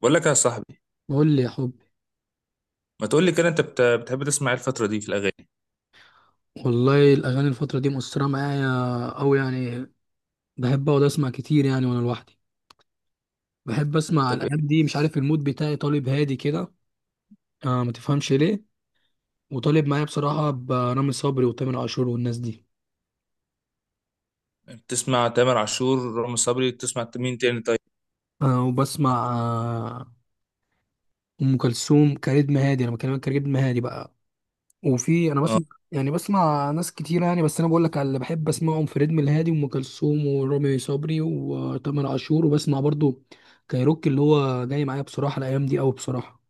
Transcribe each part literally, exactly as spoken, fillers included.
بقول لك يا صاحبي. قول لي يا حبي. ما تقول لي كده انت بت- بتحب تسمع ايه الفترة دي في الأغاني؟ والله الاغاني الفتره دي مؤثره معايا أوي يعني. بحب اقعد اسمع كتير يعني وانا لوحدي. بحب اسمع طب الايام ايه، دي، مش عارف المود بتاعي طالب هادي كده. آه، ما تفهمش ليه. وطالب معايا بصراحه برامي صبري وتامر عاشور والناس دي. بتسمع تامر عاشور، رامي صبري، بتسمع مين تاني طيب؟ آه وبسمع آه ام كلثوم. كريتم هادي، انا بكلمك كريتم هادي بقى. وفي انا بسمع، يعني بسمع ناس كتير يعني، بس انا بقول لك على اللي بحب اسمعهم: فريد من الهادي، وام كلثوم، ورامي صبري، وتامر عاشور. وبسمع برضو كايروكي اللي هو جاي معايا بصراحه الايام دي قوي بصراحه.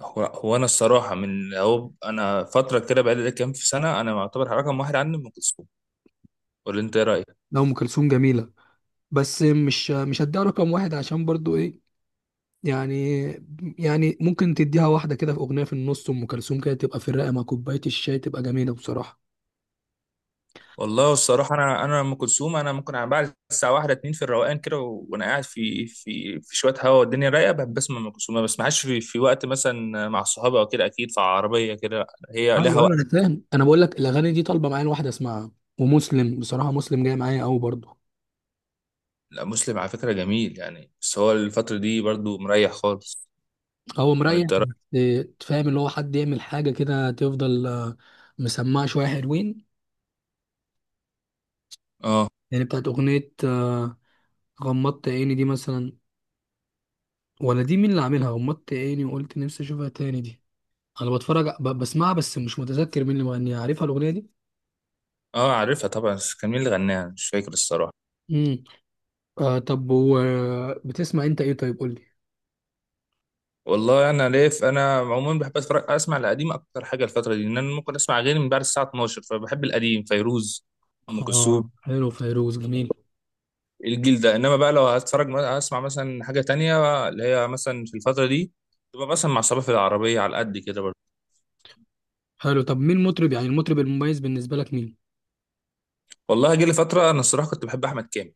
هو, هو انا الصراحة من هو انا فترة كده بقالي كام في سنة انا معتبر رقم واحد عني ام كلثوم، ولا انت ايه رأيك؟ لا، ام كلثوم جميله، بس مش مش هديها رقم واحد، عشان برضو ايه، يعني يعني ممكن تديها واحده كده في اغنيه، في النص ام كلثوم كده تبقى في الرقه مع كوبايه الشاي تبقى جميله بصراحه. والله الصراحة انا انا ام كلثوم انا ممكن على بعد الساعة واحدة اتنين في الروقان كده، و- وانا قاعد في في في شوية هوا والدنيا رايقة بحب اسمع ام كلثوم. ما بسمعهاش في, في وقت مثلا مع صحابي او كده، اكيد في عربية كده. هي لها ايوه ايوه، وقت. انا فاهم، انا بقول لك الاغاني دي طالبه معايا الواحده اسمعها. ومسلم بصراحه، مسلم جاي معايا قوي برضو. لا مسلم على فكرة جميل يعني، بس هو الفترة دي برضو مريح خالص. هو مريح وانت رأ- بس. تفهم اللي هو حد يعمل حاجة كده تفضل آه، مسمعة شوية حلوين. اه. يعني بتاعت أغنية آه، غمضت عيني دي مثلا. ولا دي مين اللي عاملها؟ غمضت عيني وقلت نفسي أشوفها تاني دي. أنا بتفرج ب- بسمعها، بس مش متذكر مين اللي مغنيها. عارفها الأغنية دي؟ اه عارفها طبعا، بس كان مين اللي غناها؟ أنا مش فاكر الصراحة. امم آه، طب و بتسمع أنت إيه طيب؟ قول لي. والله انا ليف، انا عموما بحب اتفرج اسمع القديم اكتر حاجة الفترة دي، ان انا ممكن اسمع غير من بعد الساعة اتناشر، فبحب القديم، فيروز، ام كلثوم، آه، حلو، فيروز جميل. الجيل ده. انما بقى لو هتفرج اسمع مثلا حاجة تانية اللي هي مثلا في الفترة دي، تبقى مثلا مع صباح في العربية على قد كده برضه. حلو، طب مين مطرب يعني المطرب المميز بالنسبة لك مين؟ والله جه لي فترة انا الصراحة كنت بحب احمد كامل.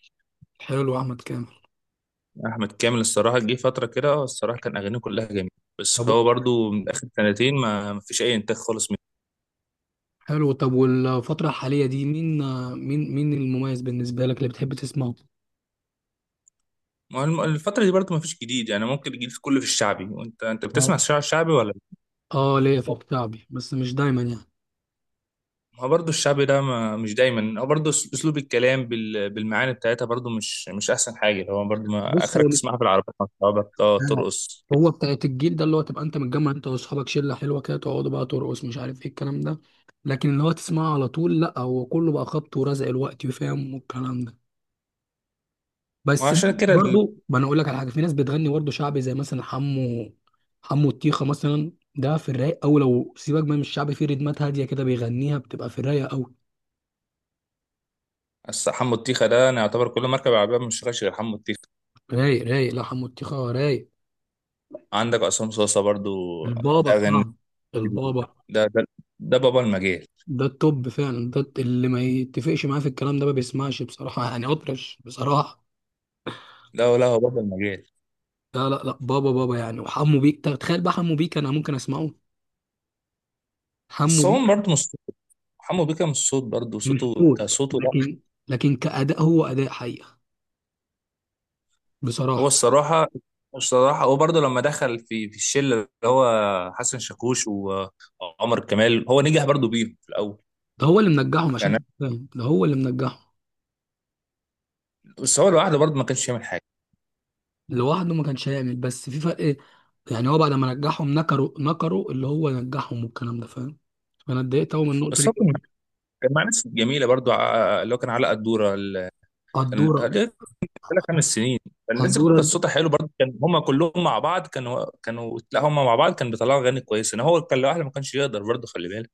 حلو، أحمد كامل. احمد كامل الصراحه جه فتره كده، اه الصراحه كان اغانيه كلها جميله، بس طب هو برضو من اخر سنتين ما ما فيش اي انتاج خالص منه. حلو، طب والفترة الحالية دي مين، مين مين المميز بالنسبة لك اللي بتحب تسمعه؟ ما هو الم- الفتره دي برضو ما فيش جديد، يعني ممكن الجديد كله في الشعبي، وانت انت بتسمع آه. الشعب الشعبي ولا لا؟ اه، ليا في الشعبي بس مش دايما يعني. ما هو برضو الشعبي ده ما مش دايما، هو برضو أس- اسلوب الكلام بال... بالمعاني بتاعتها برضو مش مش احسن حاجه، هو برضو ما بص اخرك هو مش تسمعها في العربية مع اصحابك اه آه. ترقص كده. هو بتاعت الجيل ده، اللي هو تبقى انت متجمع انت واصحابك شلة حلوة كده، تقعدوا بقى ترقص، مش عارف ايه الكلام ده. لكن اللي هو تسمعه على طول، لا هو كله بقى خبط ورزق الوقت وفاهم والكلام ده. ما هو بس عشان كده ال- برضو، ما انا اقول لك على حاجة، في ناس بتغني برضو شعبي زي مثلا حمو، حمو الطيخة مثلا ده في الرايق. او لو سيبك بقى من الشعبي في ريتمات هادية كده بيغنيها بتبقى في الرايق. الس- حمو الطيخه ده انا يعتبر كل مركب عربيه مش شغال غير حمو الطيخه. رايق رايق، لا حموتيخة رايق. عندك عصام صاصه برضو البابا اغاني، بتاعنا. البابا ده ده ده بابا المجال. ده التوب فعلا، ده اللي ما يتفقش معاه في الكلام ده ما بيسمعش بصراحة، يعني أطرش بصراحة. لا لا، هو بابا المجال، لا لا لا، بابا بابا يعني، وحمو بيك تخيل بقى، حمو بيك أنا ممكن أسمعه. حمو بس بيك هو برضه مش صوت. حمو بيكا مش صوت برضه، مش صوته صوت، كصوته لا. لكن لكن كأداء، هو أداء حقيقة هو بصراحة. الصراحة الصراحة هو برضه لما دخل في في الشلة اللي هو حسن شاكوش و- وعمر كمال، هو نجح برضه بيهم في الأول، ده هو اللي منجحهم عشان يعني، تبقى فاهم، ده هو اللي منجحهم. بس هو لوحده برضه ما كانش يعمل حاجة. لوحده ما كانش هيعمل، بس في فرق يعني. هو بعد ما نجحهم، نكروا نكروا اللي هو نجحهم والكلام ده فاهم. فأنا اتضايقت أوي من النقطة بس هو كان مع دي. كان مع ناس جميلة برضه، ع- اللي هو كان علاء الدورة، ال- كان قدورة ثلاث خمس سنين، فالناس كانت قدورة صوتها حلو برضه، كان هم كلهم مع بعض، كانوا كانوا لا، هم مع بعض كان بيطلعوا اغاني كويسه، انا هو كان لوحده ما كانش يقدر برضه، خلي بالك.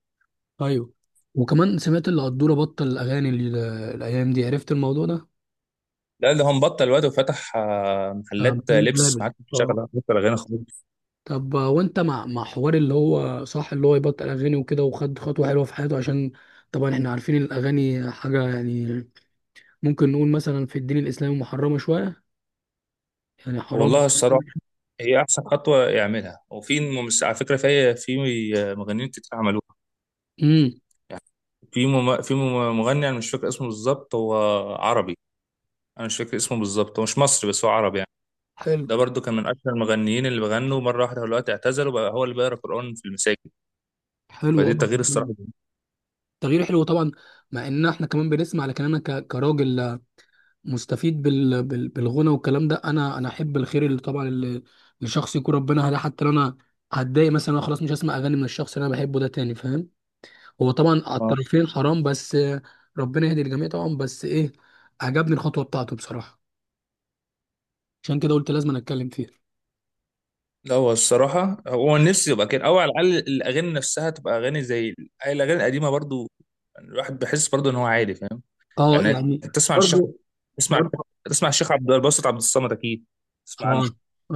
ايوه. وكمان سمعت اللي قدورة بطل الاغاني ال- الايام دي عرفت الموضوع ده. لا ده هو مبطل الواد، وفتح آه، آه، محلات آه، محمد لبس، لابر. ما عادش آه. بيشتغل، بطل اغاني خالص. طب آه، وانت مع مع حوار اللي هو صح اللي هو يبطل اغاني وكده وخد خطوة حلوة في حياته عشان طبعا احنا عارفين الاغاني حاجة يعني ممكن نقول مثلا في الدين الاسلامي محرمة شوية، يعني حرام. والله الصراحه هي احسن خطوه يعملها، وفي ممس... على فكره في في مغنيين كتير عملوها، امم يعني في مم... في مم- مغني انا مش فاكر اسمه بالظبط، هو عربي، انا مش فاكر اسمه بالظبط، هو مش مصري بس هو عربي. حلو. ده برضو كان من اشهر المغنيين اللي بغنوا، مره واحده دلوقتي اعتزلوا بقى، هو اللي بيقرا قران في المساجد، حلو، آه. فدي تغيير الصراحه. تغيير حلو طبعا. مع ان احنا كمان بنسمع، لكن انا ك- كراجل مستفيد بال... بال... بالغنى والكلام ده. انا انا احب الخير اللي طبعا اللي لشخص يكون ربنا هداه. حتى لو انا هتضايق مثلا، أنا خلاص مش هسمع اغاني من الشخص اللي انا بحبه ده تاني فاهم. هو طبعا على آه. الطرفين حرام، بس ربنا يهدي الجميع طبعا. بس ايه، عجبني الخطوه بتاعته بصراحه، عشان كده قلت لازم أنا اتكلم فيها. لا هو الصراحه هو نفسي يبقى كده، او على الاقل الاغاني نفسها تبقى اغاني زي ال- الاغاني القديمه برضو، يعني الواحد بيحس برضو ان هو عادي، فاهم؟ اه، يعني يعني. تسمع عن الشيخ برضو. تسمع عن برضو الشيخ تسمع عن الشيخ عبد الباسط عبد الصمد، اكيد تسمع اه. عنه.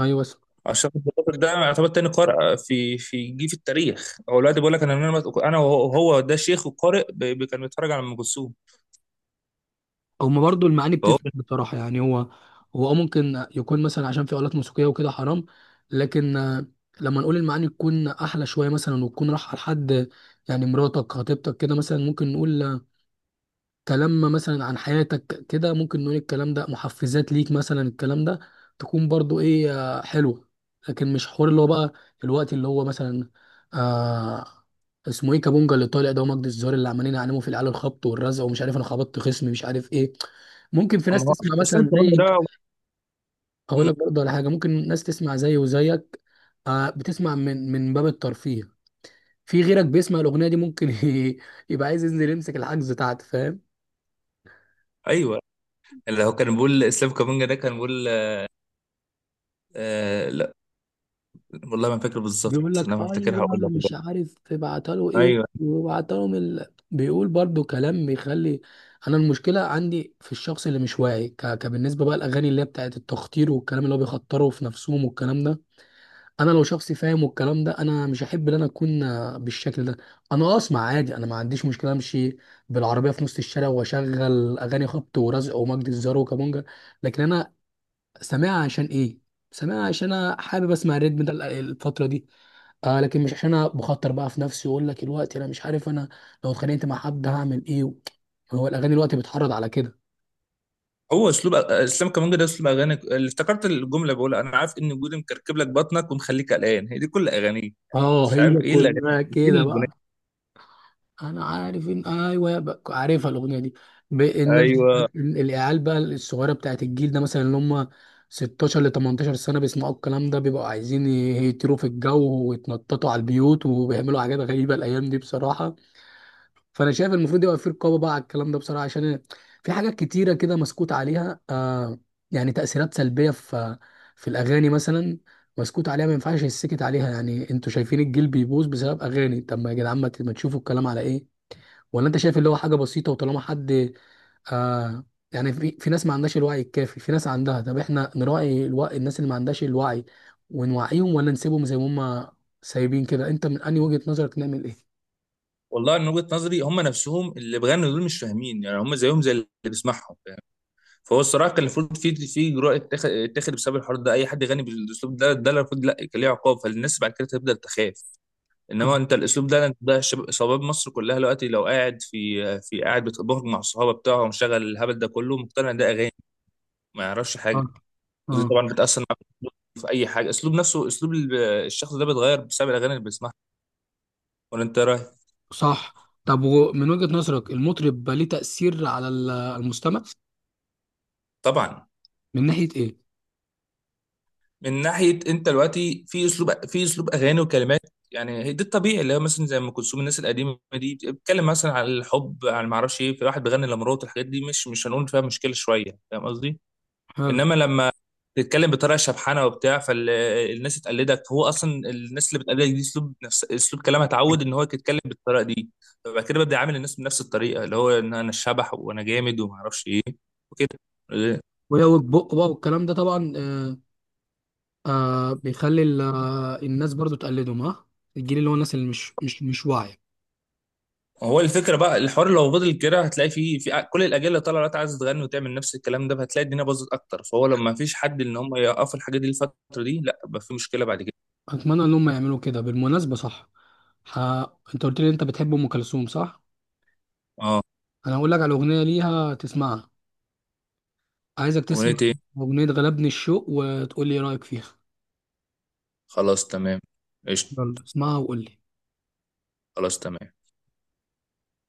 ايوه، الشيخ عبد الباسط ده يعتبر تاني قارئ في في جه في التاريخ، هو دلوقتي بيقول لك انا، من انا انا وهو هو ده شيخ وقارئ ب- ب- كان بيتفرج على ام كلثوم. هما برضو المعاني فهو بتفرق بصراحة، يعني هو، هو آه ممكن يكون مثلا عشان في آلات موسيقية وكده حرام، لكن آه، لما نقول المعاني تكون أحلى شوية مثلا، وتكون رايحة لحد، يعني مراتك خطيبتك كده مثلا، ممكن نقول كلام مثلا عن حياتك كده، ممكن نقول الكلام ده محفزات ليك مثلا، الكلام ده تكون برضو ايه آه، حلوة. لكن مش حوار اللي هو بقى الوقت اللي هو مثلا آه اسمه ايه كابونجا اللي طالع ده، ومجدي الزهر، اللي عمالين يعلموا في العيال الخبط والرزق ومش عارف، انا خبطت خصمي مش عارف ايه. ممكن في أما ناس هو تسمع الاسلام مثلا كمان زي، ده. اقول لك برضه على حاجه، ممكن ناس تسمع زي وزيك آه، بتسمع من من باب الترفيه. في غيرك بيسمع الاغنيه دي ممكن يبقى عايز ينزل يمسك الحجز بتاعته فاهم. ايوه اللي هو كان بيقول اسلام كامونجا، ده كان بيقول آه لا، والله ما فاكر بيقول بالظبط، لك لما افتكرها ايوه هقول لك مش دلوقتي. عارف تبعتها له ايه ايوه. وبعتها لهم ال... بيقول برضو كلام بيخلي. انا المشكله عندي في الشخص اللي مش واعي، ك... كبالنسبه بقى الاغاني اللي هي بتاعت التخطير والكلام اللي هو بيخطروا في نفسهم والكلام ده. انا لو شخص فاهم والكلام ده، انا مش احب ان انا اكون بالشكل ده. انا اسمع عادي، انا ما عنديش مشكله، امشي بالعربيه في نص الشارع واشغل اغاني خبط ورزق ومجد الزار وكابونجا. لكن انا سامعها عشان ايه؟ سامعها عشان انا حابب اسمع الريتم ده الفتره دي. آه، لكن مش عشان انا بخاطر بقى في نفسي واقول لك الوقت، انا مش عارف انا لو اتخانقت مع حد هعمل ايه. هو الاغاني الوقت بتحرض على كده. هو اسلوب اسلام كامونجا ده اسلوب اغاني، اللي افتكرت الجمله بقول، انا عارف ان وجودي مكركب لك بطنك ومخليك قلقان، هي دي كل اغانيه، اه، مش عارف هي ايه الاغاني كلها ايه كده الاغاني بقى. انا عارف، ان ايوه بقى عارفها الاغنيه دي. ب- الناس ايوه. العيال بقى الصغيره بتاعت الجيل ده مثلا اللي هم ستاشر ل تمنتاشر سنه، بيسمعوا الكلام ده، بيبقوا عايزين يهيتروا في الجو ويتنططوا على البيوت، وبيعملوا حاجات غريبه الايام دي بصراحه. فانا شايف المفروض يبقى في رقابه بقى على الكلام ده بصراحه. عشان في حاجات كتيره كده مسكوت عليها آه، يعني تاثيرات سلبيه في في الاغاني مثلا مسكوت عليها، ما ينفعش يسكت عليها. يعني انتوا شايفين الجيل بيبوظ بسبب اغاني، طب ما يا جدعان، ما ت- ما تشوفوا الكلام على ايه. ولا انت شايف اللي هو حاجه بسيطه؟ وطالما حد آه، يعني في في ناس ما عندهاش الوعي الكافي، في ناس عندها، طب احنا نراعي الوعي الناس اللي ما عندهاش الوعي ونوعيهم، ولا نسيبهم زي ما هم سايبين كده؟ انت من انهي وجهة نظرك نعمل ايه؟ والله من وجهه نظري هم نفسهم اللي بيغنوا دول مش فاهمين، يعني هم زيهم زي اللي بيسمعهم، فاهم؟ فهو الصراحه كان المفروض في في جرأه اتخ- اتخذ بسبب الحوار ده، اي حد يغني بالاسلوب ده ده المفروض لا كان ليه عقاب، فالناس بعد كده تبدا تخاف. انما انت الاسلوب ده، انت ده شباب شباب مصر كلها دلوقتي، لو قاعد في في قاعد بتبهج مع الصحابه بتاعه ومشغل الهبل ده كله، مقتنع ان ده اغاني، ما يعرفش حاجه، اه. ودي اه. طبعا بتاثر معاه في اي حاجه، اسلوب نفسه، اسلوب ال- الشخص ده بيتغير بسبب الاغاني اللي بيسمعها، ولا انت إيه رايك؟ صح. طب ومن وجهة نظرك المطرب بقى ليه تأثير على ال- المستمع طبعا. من ناحية ايه؟ من ناحيه انت دلوقتي في اسلوب في اسلوب اغاني وكلمات، يعني هي ده الطبيعي اللي هو مثلا زي ام كلثوم، الناس القديمه دي بتتكلم مثلا عن الحب، عن ما اعرفش ايه، في واحد بيغني لمراته، الحاجات دي مش مش هنقول فيها مشكله شويه، فاهم قصدي؟ حلو. انما لما تتكلم بطريقه شبحانه وبتاع، فالناس تقلدك، هو اصلا الناس اللي بتقلدك دي اسلوب، نفس اسلوب كلامها، اتعود ان هو يتكلم بالطريقه دي، فبعد كده ببدا اعامل الناس بنفس الطريقه، اللي هو ان انا الشبح وانا جامد وما اعرفش ايه وكده. ويوج بق بقى والكلام ده طبعا آه. آه بيخلي ال- آه، الناس برضو تقلدهم ها، الجيل اللي هو الناس اللي مش مش مش واعية. هو الفكره بقى الحوار لو فضل كده، هتلاقي فيه في كل الاجيال اللي طالعه دلوقتي عايزه تغني وتعمل نفس الكلام ده، فهتلاقي الدنيا باظت اكتر، فهو لما مفيش حد ان هم يوقفوا الحاجه دي الفتره دي، لا بقى في مشكله بعد كده. أتمنى إن هم يعملوا كده بالمناسبة صح. ح... أنت قلت لي أنت بتحب أم كلثوم صح؟ اه. أنا هقول لك على أغنية ليها تسمعها. عايزك تسمع اغنيه ايه؟ أغنية غلبني الشوق، وتقول لي إيه رأيك فيها. خلاص تمام، قشطه. يلا اسمعها وقول لي. خلاص تمام.